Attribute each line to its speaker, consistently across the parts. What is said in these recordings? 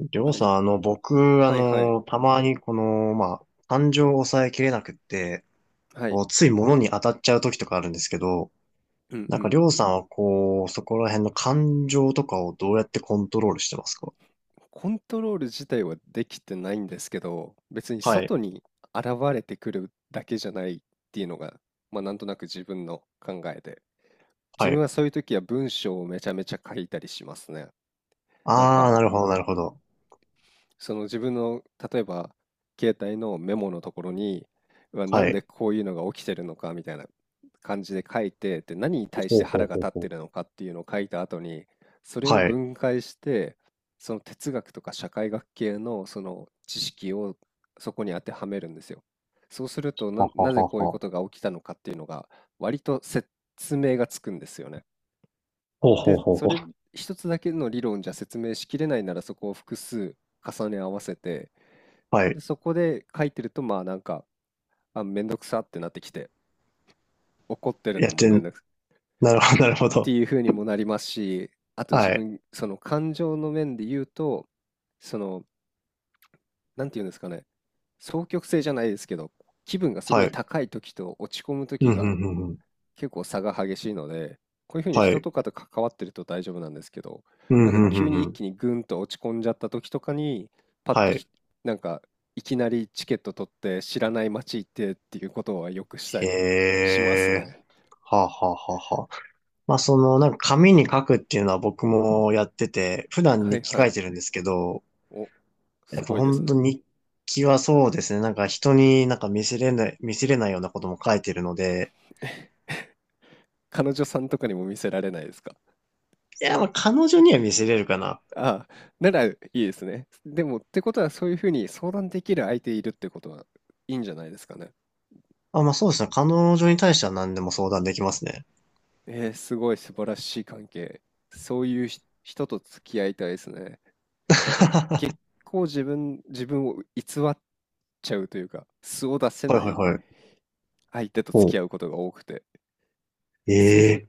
Speaker 1: りょ
Speaker 2: あ
Speaker 1: う
Speaker 2: れ、
Speaker 1: さん、僕、
Speaker 2: はいはい、
Speaker 1: たまに感情を抑えきれなくって、
Speaker 2: は
Speaker 1: こ
Speaker 2: い、
Speaker 1: う、つい物に当たっちゃう時とかあるんですけど、
Speaker 2: うんう
Speaker 1: なんかり
Speaker 2: ん。
Speaker 1: ょうさんはこう、そこら辺の感情とかをどうやってコントロールしてますか？
Speaker 2: コントロール自体はできてないんですけど、別に
Speaker 1: はい。
Speaker 2: 外に現れてくるだけじゃないっていうのが、まあなんとなく自分の考えで。自
Speaker 1: は
Speaker 2: 分
Speaker 1: い。
Speaker 2: はそういう時は文章をめちゃめちゃ書いたりしますね。なん
Speaker 1: あー、
Speaker 2: か
Speaker 1: なるほど、なるほど。
Speaker 2: その自分の例えば携帯のメモのところにうわな
Speaker 1: は
Speaker 2: ん
Speaker 1: い。
Speaker 2: でこういうのが起きてるのかみたいな感じで書いて、で何に対し
Speaker 1: ほ
Speaker 2: て
Speaker 1: うほ
Speaker 2: 腹
Speaker 1: う
Speaker 2: が
Speaker 1: ほ
Speaker 2: 立っ
Speaker 1: うほ
Speaker 2: て
Speaker 1: う。
Speaker 2: るのかっていうのを書いた後にそれを
Speaker 1: はい。
Speaker 2: 分解してその哲学とか社会学系のその知識をそこに当てはめるんですよ。そうすると
Speaker 1: はは
Speaker 2: なぜ
Speaker 1: は
Speaker 2: こう
Speaker 1: は
Speaker 2: いうこ
Speaker 1: は。
Speaker 2: とが起きたのかっていうのが割と説明がつくんですよね。
Speaker 1: ほうほう
Speaker 2: で、
Speaker 1: ほう
Speaker 2: そ
Speaker 1: ほ
Speaker 2: れ
Speaker 1: う。
Speaker 2: 一つだけの理論じゃ説明しきれないならそこを複数重ね合わせて、
Speaker 1: は
Speaker 2: で、
Speaker 1: い。
Speaker 2: そこで書いてると、まあ、なんか、あ、めんどくさってなってきて、怒ってる
Speaker 1: や
Speaker 2: の
Speaker 1: っ
Speaker 2: も
Speaker 1: て
Speaker 2: めん
Speaker 1: ん、
Speaker 2: どくさ
Speaker 1: なるほど、なるほ
Speaker 2: って
Speaker 1: ど。
Speaker 2: いう風にもなりますし、あと自
Speaker 1: はい。
Speaker 2: 分、その感情の面で言うと、その、なんて言うんですかね、双極性じゃないですけど、気分がすご
Speaker 1: は
Speaker 2: い
Speaker 1: い。
Speaker 2: 高い時と落ち込む
Speaker 1: う
Speaker 2: 時
Speaker 1: ん、うん、
Speaker 2: が
Speaker 1: うん、うん。
Speaker 2: 結構差が激しいので、こういうふうに
Speaker 1: は
Speaker 2: 人
Speaker 1: い。
Speaker 2: とかと関わってると大丈夫なんですけど、
Speaker 1: う
Speaker 2: な
Speaker 1: ん、
Speaker 2: ん
Speaker 1: う
Speaker 2: か
Speaker 1: ん、う
Speaker 2: 急に
Speaker 1: ん、
Speaker 2: 一
Speaker 1: うん。
Speaker 2: 気にグンと落ち込んじゃった時とかに、パッと
Speaker 1: はい。
Speaker 2: なんかいきなりチケット取って知らない街行ってっていうことはよくしたりします
Speaker 1: へー。
Speaker 2: ね。
Speaker 1: はあはあはあはあ。まあその、なんか紙に書くっていうのは僕もやってて、普段
Speaker 2: は
Speaker 1: 日
Speaker 2: い
Speaker 1: 記
Speaker 2: は
Speaker 1: 書
Speaker 2: い。
Speaker 1: いてるんですけど、
Speaker 2: お、
Speaker 1: や
Speaker 2: す
Speaker 1: っぱ
Speaker 2: ごいです
Speaker 1: 本当
Speaker 2: ね。
Speaker 1: に日記はそうですね、なんか人になんか見せれない、見せれないようなことも書いてるので、
Speaker 2: 彼女さんとかにも見せられないですか？
Speaker 1: いや、まあ彼女には見せれるかな。
Speaker 2: ああ、ならいいですね。でも、ってことはそういうふうに相談できる相手いるってことはいいんじゃないですかね。
Speaker 1: あ、まあそうですね、彼女に対しては何でも相談できますね。
Speaker 2: えー、すごい素晴らしい関係。そういう人と付き合いたいですね。なんか
Speaker 1: は
Speaker 2: 結構自分を偽っちゃうというか、素を出せ
Speaker 1: い
Speaker 2: な
Speaker 1: はい
Speaker 2: い
Speaker 1: はい。
Speaker 2: 相手と付
Speaker 1: おう。
Speaker 2: き合うことが多くて、そういうふ
Speaker 1: え
Speaker 2: う、
Speaker 1: え、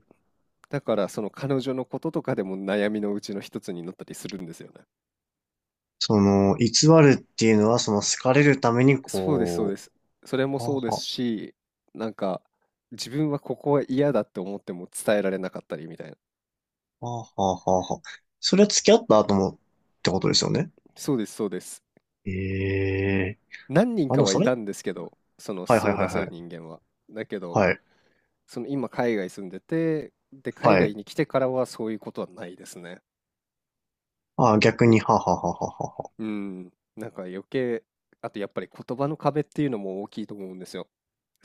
Speaker 2: だからその彼女のこととかでも悩みのうちの一つになったりするんですよね。
Speaker 1: その、偽るっていうのはその好かれるために
Speaker 2: そうです、そうで
Speaker 1: こ
Speaker 2: す。それも
Speaker 1: う、は
Speaker 2: そう
Speaker 1: あ
Speaker 2: です
Speaker 1: は
Speaker 2: し、なんか自分はここは嫌だって思っても伝えられなかったりみたいな。
Speaker 1: あ、はあはあはあはあ。それは付き合った後もってことですよね。
Speaker 2: そうです、そうです。
Speaker 1: ええ、
Speaker 2: 何人
Speaker 1: あ、
Speaker 2: か
Speaker 1: でも
Speaker 2: は
Speaker 1: そ
Speaker 2: い
Speaker 1: れ
Speaker 2: たんですけど、その
Speaker 1: はいは
Speaker 2: 素
Speaker 1: い
Speaker 2: を
Speaker 1: はい
Speaker 2: 出せ
Speaker 1: は
Speaker 2: る
Speaker 1: い。
Speaker 2: 人間は。だけど、
Speaker 1: はい。
Speaker 2: その今海外住んでて、で、海
Speaker 1: はい。
Speaker 2: 外に来てからはそういうことはないですね。
Speaker 1: あ、逆に、はははははは。
Speaker 2: うん。なんか余計、あとやっぱり言葉の壁っていうのも大きいと思うんですよ。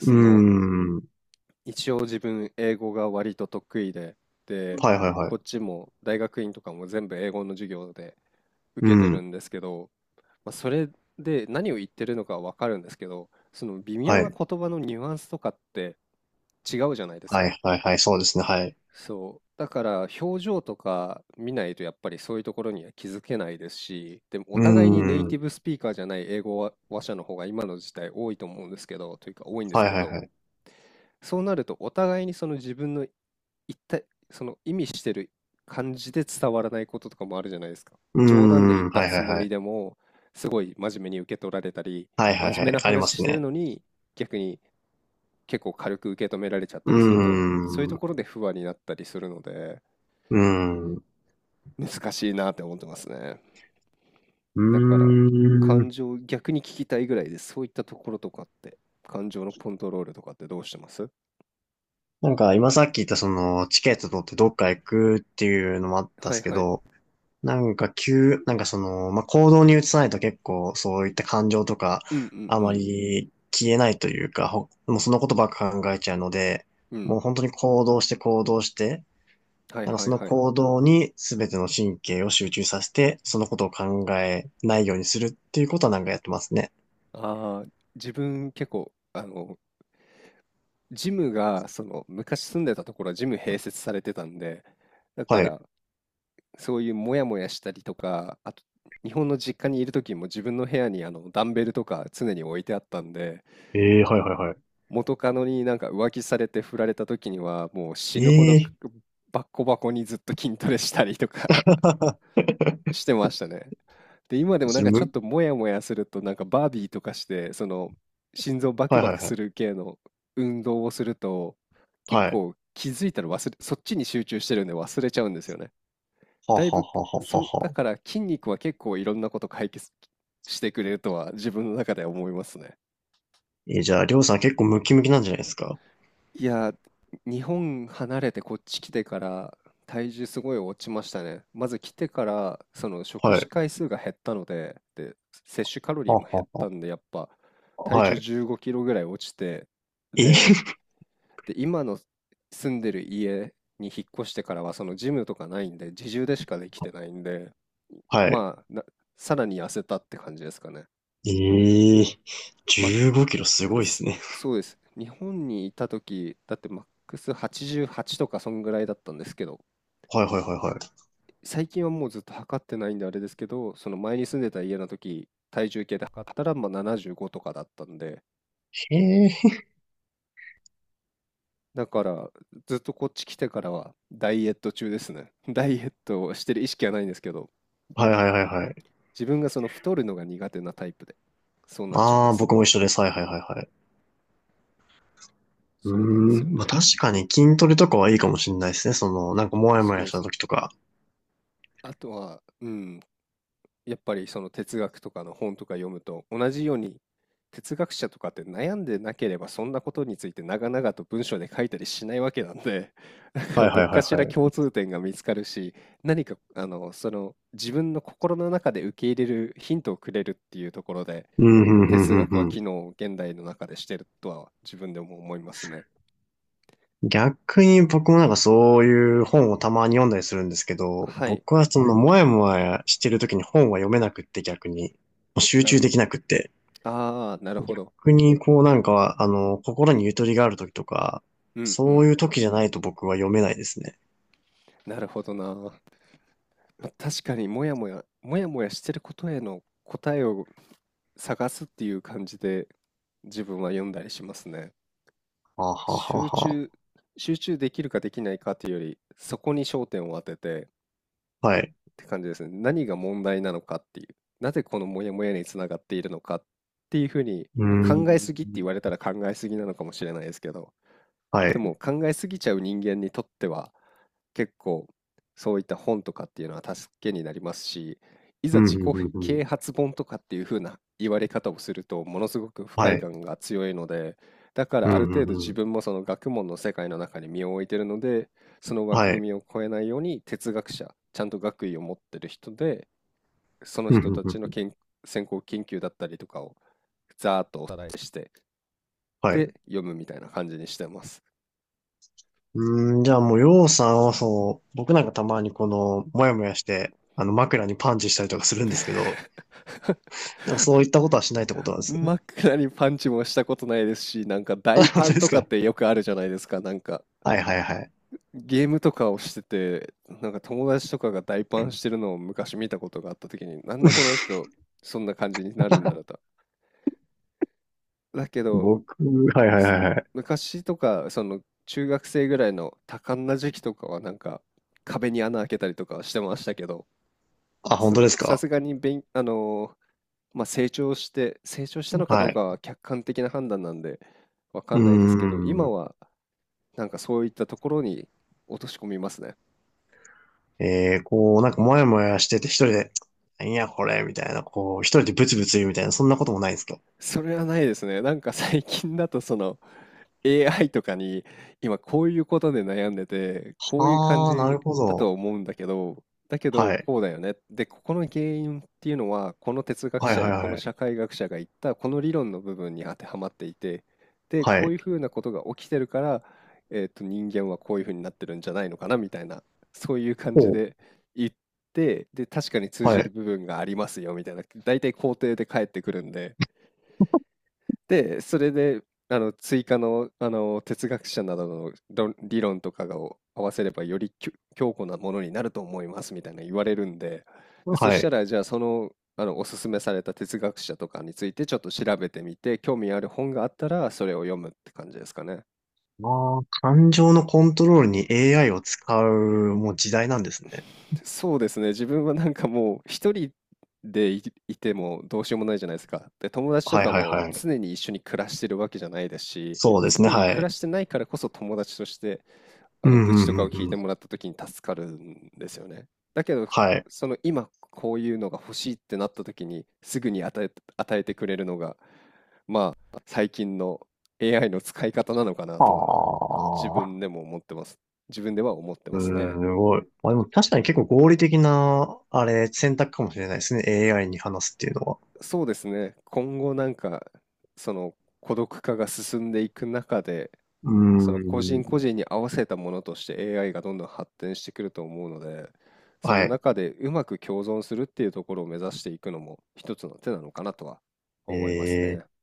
Speaker 1: うー
Speaker 2: の、
Speaker 1: ん。
Speaker 2: 一応自分英語が割と得意で、で、
Speaker 1: はいはいは
Speaker 2: こ
Speaker 1: い。
Speaker 2: っちも大学院とかも全部英語の授業で
Speaker 1: う
Speaker 2: 受けてる
Speaker 1: ん。
Speaker 2: んですけど、まあ、それで何を言ってるのかはわかるんですけど、その微妙
Speaker 1: は
Speaker 2: な
Speaker 1: い。
Speaker 2: 言葉のニュアンスとかって違うじゃないです
Speaker 1: はい
Speaker 2: か。
Speaker 1: はいはい。そうですね。はい。
Speaker 2: そう。だから表情とか見ないとやっぱりそういうところには気づけないですし、でも
Speaker 1: う
Speaker 2: お
Speaker 1: ー
Speaker 2: 互いにネイテ
Speaker 1: ん。
Speaker 2: ィブスピーカーじゃない英語話者の方が今の時代多いと思うんですけど、というか多いんです
Speaker 1: はい
Speaker 2: け
Speaker 1: はい
Speaker 2: ど、
Speaker 1: はい。
Speaker 2: そうなるとお互いにその自分の一体、その意味してる感じで伝わらないこととかもあるじゃないですか。
Speaker 1: うー
Speaker 2: 冗談で言っ
Speaker 1: ん。
Speaker 2: た
Speaker 1: はいは
Speaker 2: つ
Speaker 1: い
Speaker 2: も
Speaker 1: は
Speaker 2: り
Speaker 1: い。
Speaker 2: でも、すごい真面目に受け取られたり、
Speaker 1: はい
Speaker 2: 真
Speaker 1: はい
Speaker 2: 面
Speaker 1: は
Speaker 2: 目
Speaker 1: い。
Speaker 2: な
Speaker 1: ありま
Speaker 2: 話し
Speaker 1: す
Speaker 2: てる
Speaker 1: ね。
Speaker 2: のに逆に結構軽く受け止められちゃった
Speaker 1: うー
Speaker 2: りすると、そういう
Speaker 1: ん。
Speaker 2: と
Speaker 1: う
Speaker 2: ころで不安になったりするので、
Speaker 1: ーん。う
Speaker 2: 難しいなって思ってますね。だか
Speaker 1: ー
Speaker 2: ら
Speaker 1: ん。
Speaker 2: 感情を逆に聞きたいぐらいでそういったところとかって、感情のコントロールとかってどうしてます？
Speaker 1: なんか今さっき言ったそのチケット取ってどっか行くっていうのもあったん
Speaker 2: は
Speaker 1: です
Speaker 2: い
Speaker 1: け
Speaker 2: はい。
Speaker 1: ど、なんか急、まあ、行動に移さないと結構そういった感情とか、
Speaker 2: うんうん
Speaker 1: あ
Speaker 2: う
Speaker 1: ま
Speaker 2: ん。
Speaker 1: り消えないというか、ほもうそのことばっか考えちゃうので、
Speaker 2: うん。
Speaker 1: もう本当に行動して行動して、
Speaker 2: はい
Speaker 1: なんか
Speaker 2: はい
Speaker 1: その
Speaker 2: はい。
Speaker 1: 行動に全ての神経を集中させて、そのことを考えないようにするっていうことはなんかやってますね。
Speaker 2: ああ、自分結構、ジムが、昔住んでたところはジム併設されてたんで、だか
Speaker 1: はい。
Speaker 2: ら、そういうモヤモヤしたりとか、あと、日本の実家にいる時も自分の部屋にあのダンベルとか常に置いてあったんで、
Speaker 1: ええはいはいは
Speaker 2: 元カノになんか浮気されて振られた時にはもう
Speaker 1: い。
Speaker 2: 死ぬほ
Speaker 1: え
Speaker 2: ど
Speaker 1: え
Speaker 2: バッコバコにずっと筋トレしたりとか してましたね。で、今でもな
Speaker 1: そ
Speaker 2: ん
Speaker 1: れ
Speaker 2: かちょっ
Speaker 1: む、
Speaker 2: とモヤモヤするとなんかバービーとかしてその心臓バク
Speaker 1: はい
Speaker 2: バ
Speaker 1: はい
Speaker 2: ク
Speaker 1: は
Speaker 2: す
Speaker 1: い。
Speaker 2: る系の運動をすると結
Speaker 1: はい。
Speaker 2: 構気づいたらそっちに集中してるんで忘れちゃうんですよね。
Speaker 1: は
Speaker 2: だい
Speaker 1: は
Speaker 2: ぶ、
Speaker 1: ははは
Speaker 2: そ、だ
Speaker 1: は。
Speaker 2: から筋肉は結構いろんなこと解決してくれるとは自分の中では思いますね。
Speaker 1: えー、じゃあ、りょうさん結構ムキムキなんじゃないですか？
Speaker 2: いや、日本離れてこっち来てから体重すごい落ちましたね。まず来てからその食
Speaker 1: は
Speaker 2: 事
Speaker 1: い。
Speaker 2: 回数が減ったので、で、摂取カロリ
Speaker 1: は
Speaker 2: ーも減っ
Speaker 1: は
Speaker 2: た
Speaker 1: は
Speaker 2: んで、やっぱ体
Speaker 1: は
Speaker 2: 重
Speaker 1: い。
Speaker 2: 15キロぐらい落ちて、
Speaker 1: え
Speaker 2: で、で、今の住んでる家に引っ越してからはそのジムとかないんで、自重でしかできてないんで、
Speaker 1: はい。
Speaker 2: まあ、さらに痩せたって感じですかね。
Speaker 1: ええ、
Speaker 2: マッ
Speaker 1: 15キロす
Speaker 2: ク
Speaker 1: ごいです
Speaker 2: ス、
Speaker 1: ね。
Speaker 2: そうです。日本にいた時、だってマックス88とかそんぐらいだったんですけど、
Speaker 1: はいはいはいは
Speaker 2: 最近はもうずっと測ってないんであれですけど、その前に住んでた家の時、体重計で測ったらまあ75とかだったんで、
Speaker 1: い。へえ。
Speaker 2: だからずっとこっち来てからはダイエット中ですね。ダイエットをしてる意識はないんですけど、
Speaker 1: はいはいはいはい。
Speaker 2: 自分がその太るのが苦手なタイプで、そうなっちゃい
Speaker 1: あ
Speaker 2: ま
Speaker 1: あ、
Speaker 2: す。
Speaker 1: 僕も一緒です。はいはいはいはい。う
Speaker 2: そうなんです
Speaker 1: ー
Speaker 2: よ
Speaker 1: ん。まあ
Speaker 2: ね。
Speaker 1: 確かに筋トレとかはいいかもしれないですね。その、なんかもやも
Speaker 2: そう
Speaker 1: や
Speaker 2: で
Speaker 1: し
Speaker 2: す
Speaker 1: た
Speaker 2: ね。
Speaker 1: 時とか。
Speaker 2: あとは、うん、やっぱりその哲学とかの本とか読むと同じように哲学者とかって悩んでなければそんなことについて長々と文章で書いたりしないわけなんで、 だか
Speaker 1: は
Speaker 2: ら
Speaker 1: い
Speaker 2: ど
Speaker 1: は
Speaker 2: っ
Speaker 1: いは
Speaker 2: か
Speaker 1: い
Speaker 2: しら
Speaker 1: はい。
Speaker 2: 共通点が見つかるし、何かあのその自分の心の中で受け入れるヒントをくれるっていうところで
Speaker 1: うん、うん、う
Speaker 2: 哲
Speaker 1: ん、う
Speaker 2: 学は
Speaker 1: ん、う
Speaker 2: 機
Speaker 1: ん。
Speaker 2: 能を現代の中でしてるとは自分でも思いますね。
Speaker 1: 逆に僕もなんかそういう本をたまに読んだりするんですけど、
Speaker 2: はい、
Speaker 1: 僕はそのもやもやしてる時に本は読めなくって逆に、もう集
Speaker 2: なる
Speaker 1: 中で
Speaker 2: ほど。
Speaker 1: きなくって。
Speaker 2: ああ、なるほど。
Speaker 1: 逆にこうなんか、心にゆとりがある時とか、
Speaker 2: うんう
Speaker 1: そう
Speaker 2: ん。
Speaker 1: いう時じゃないと僕は読めないですね。
Speaker 2: なるほどな。ま、確かにもやもやもやもやしてることへの答えを探すっていう感じで、自分は読んだりしますね。
Speaker 1: はあはあはあ
Speaker 2: 集
Speaker 1: は
Speaker 2: 中集中できるかできないかっていうより、そこに焦点を当ててっ
Speaker 1: あ。はい。
Speaker 2: て感じですね。何が問題なのかっていう、なぜこのもやもやにつながっているのかっていうふうに、
Speaker 1: うー
Speaker 2: まあ、
Speaker 1: ん。
Speaker 2: 考えすぎって言われたら考えすぎなのかもしれないですけど、
Speaker 1: は
Speaker 2: で
Speaker 1: い。
Speaker 2: も考えすぎちゃう人間にとっては結構そういった本とかっていうのは助けになりますし、い
Speaker 1: う
Speaker 2: ざ
Speaker 1: ん、う
Speaker 2: 自
Speaker 1: ん、
Speaker 2: 己
Speaker 1: うん、うん。
Speaker 2: 啓発本とかっていう風な言われ方をするとものすごく不
Speaker 1: は
Speaker 2: 快
Speaker 1: い。
Speaker 2: 感が強いので、だか
Speaker 1: う
Speaker 2: らあ
Speaker 1: ん、
Speaker 2: る
Speaker 1: う
Speaker 2: 程度
Speaker 1: ん、
Speaker 2: 自
Speaker 1: うん。
Speaker 2: 分もその学問の世界の中に身を置いてるので、その枠
Speaker 1: はい。
Speaker 2: 組みを超えないように哲学者、ちゃんと学位を持ってる人で、その
Speaker 1: うん、
Speaker 2: 人た
Speaker 1: うん、
Speaker 2: ちの
Speaker 1: うん。
Speaker 2: 先行研究だったりとかをざーっとおさらいして、
Speaker 1: はい。
Speaker 2: で読むみたいな感じにしてます。
Speaker 1: うーん、じゃあもう、ようさんはそう、僕なんかたまにもやもやして、枕にパンチしたりとかするんですけど、なんかそういったことはしないってことなんです。
Speaker 2: 真っ暗にパンチもしたことないですし、なんか
Speaker 1: あ、
Speaker 2: 大
Speaker 1: 本
Speaker 2: パ
Speaker 1: 当
Speaker 2: ン
Speaker 1: で
Speaker 2: と
Speaker 1: す
Speaker 2: かっ
Speaker 1: か？
Speaker 2: てよくあるじゃないですか。なんか
Speaker 1: はい、はい、はい。
Speaker 2: ゲームとかをしてて、なんか友達とかが大パンしてるのを昔見たことがあった時に、なんでこの 人そんな感じになるんだろうと。だけど、
Speaker 1: 僕、はい、はい、は
Speaker 2: そ
Speaker 1: い、はい。
Speaker 2: 昔とか、その中学生ぐらいの多感な時期とかはなんか壁に穴開けたりとかはしてましたけど、
Speaker 1: あ、本当です
Speaker 2: さ
Speaker 1: か？
Speaker 2: すがに勉、あのーまあ、成長して成長したのかど
Speaker 1: は
Speaker 2: う
Speaker 1: い。
Speaker 2: かは客観的な判断なんで、わか
Speaker 1: うー
Speaker 2: んないですけど、今
Speaker 1: ん。
Speaker 2: はなんかそういったところに落とし込みますね。
Speaker 1: えー、こう、なんかもやもやしてて一人で、何やこれみたいな、こう、一人でブツブツ言うみたいな、そんなこともないんですか？
Speaker 2: それはないですね。なんか最近だとその AI とかに今こういうことで悩んでて、こういう感
Speaker 1: ああー、な
Speaker 2: じ
Speaker 1: るほ
Speaker 2: だ
Speaker 1: ど。
Speaker 2: と思うんだけど、だけど
Speaker 1: はい。
Speaker 2: こうだよね。で、ここの原因っていうのは、この哲学
Speaker 1: はい
Speaker 2: 者
Speaker 1: はい
Speaker 2: やこの
Speaker 1: はい。
Speaker 2: 社会学者が言ったこの理論の部分に当てはまっていて、で、
Speaker 1: は
Speaker 2: こう
Speaker 1: い。
Speaker 2: いうふうなことが起きてるから、人間はこういうふうになってるんじゃないのかなみたいな、そういう感じ
Speaker 1: おう。
Speaker 2: で言って、で、確かに通
Speaker 1: は
Speaker 2: じる
Speaker 1: い。
Speaker 2: 部分がありますよみたいな、大体肯定で返ってくるんで、で、それで、追加の、哲学者などの理論とかを合わせれば、より強固なものになると思いますみたいな言われるんで、で、そ
Speaker 1: は
Speaker 2: した
Speaker 1: い。
Speaker 2: ら、じゃあ、おすすめされた哲学者とかについてちょっと調べてみて、興味ある本があったら、それを読むって感じですかね。
Speaker 1: ああ、感情のコントロールに AI を使う、もう時代なんですね。
Speaker 2: そうですね、自分はなんかもう、一人でいてもどうしようもないじゃないですか。で、友達と
Speaker 1: はい
Speaker 2: か
Speaker 1: はい
Speaker 2: も
Speaker 1: はい。
Speaker 2: 常に一緒に暮らしてるわけじゃないですし、
Speaker 1: そうですね、
Speaker 2: 常に
Speaker 1: は
Speaker 2: 暮
Speaker 1: い。
Speaker 2: らしてないからこそ友達として、
Speaker 1: うん、う
Speaker 2: 愚痴とかを
Speaker 1: ん、う
Speaker 2: 聞い
Speaker 1: ん、う
Speaker 2: ても
Speaker 1: ん。
Speaker 2: らった時に助かるんですよね。だけど、
Speaker 1: はい。
Speaker 2: その今こういうのが欲しいってなった時にすぐに与えてくれるのが、まあ、最近の AI の使い方なのかな
Speaker 1: あ
Speaker 2: とは、自
Speaker 1: あ、
Speaker 2: 分でも思ってます。自分では思って
Speaker 1: う
Speaker 2: ますね。
Speaker 1: ーん、すごい。まあでも確かに結構合理的な、あれ、選択かもしれないですね。AI に話すっていうのは。
Speaker 2: そうですね。今後なんか、その孤独化が進んでいく中で、
Speaker 1: う
Speaker 2: その個
Speaker 1: ー
Speaker 2: 人個
Speaker 1: ん。
Speaker 2: 人に合わせたものとして AI がどんどん発展してくると思うので、その
Speaker 1: はい。
Speaker 2: 中でうまく共存するっていうところを目指していくのも一つの手なのかなとは思います
Speaker 1: え
Speaker 2: ね。
Speaker 1: え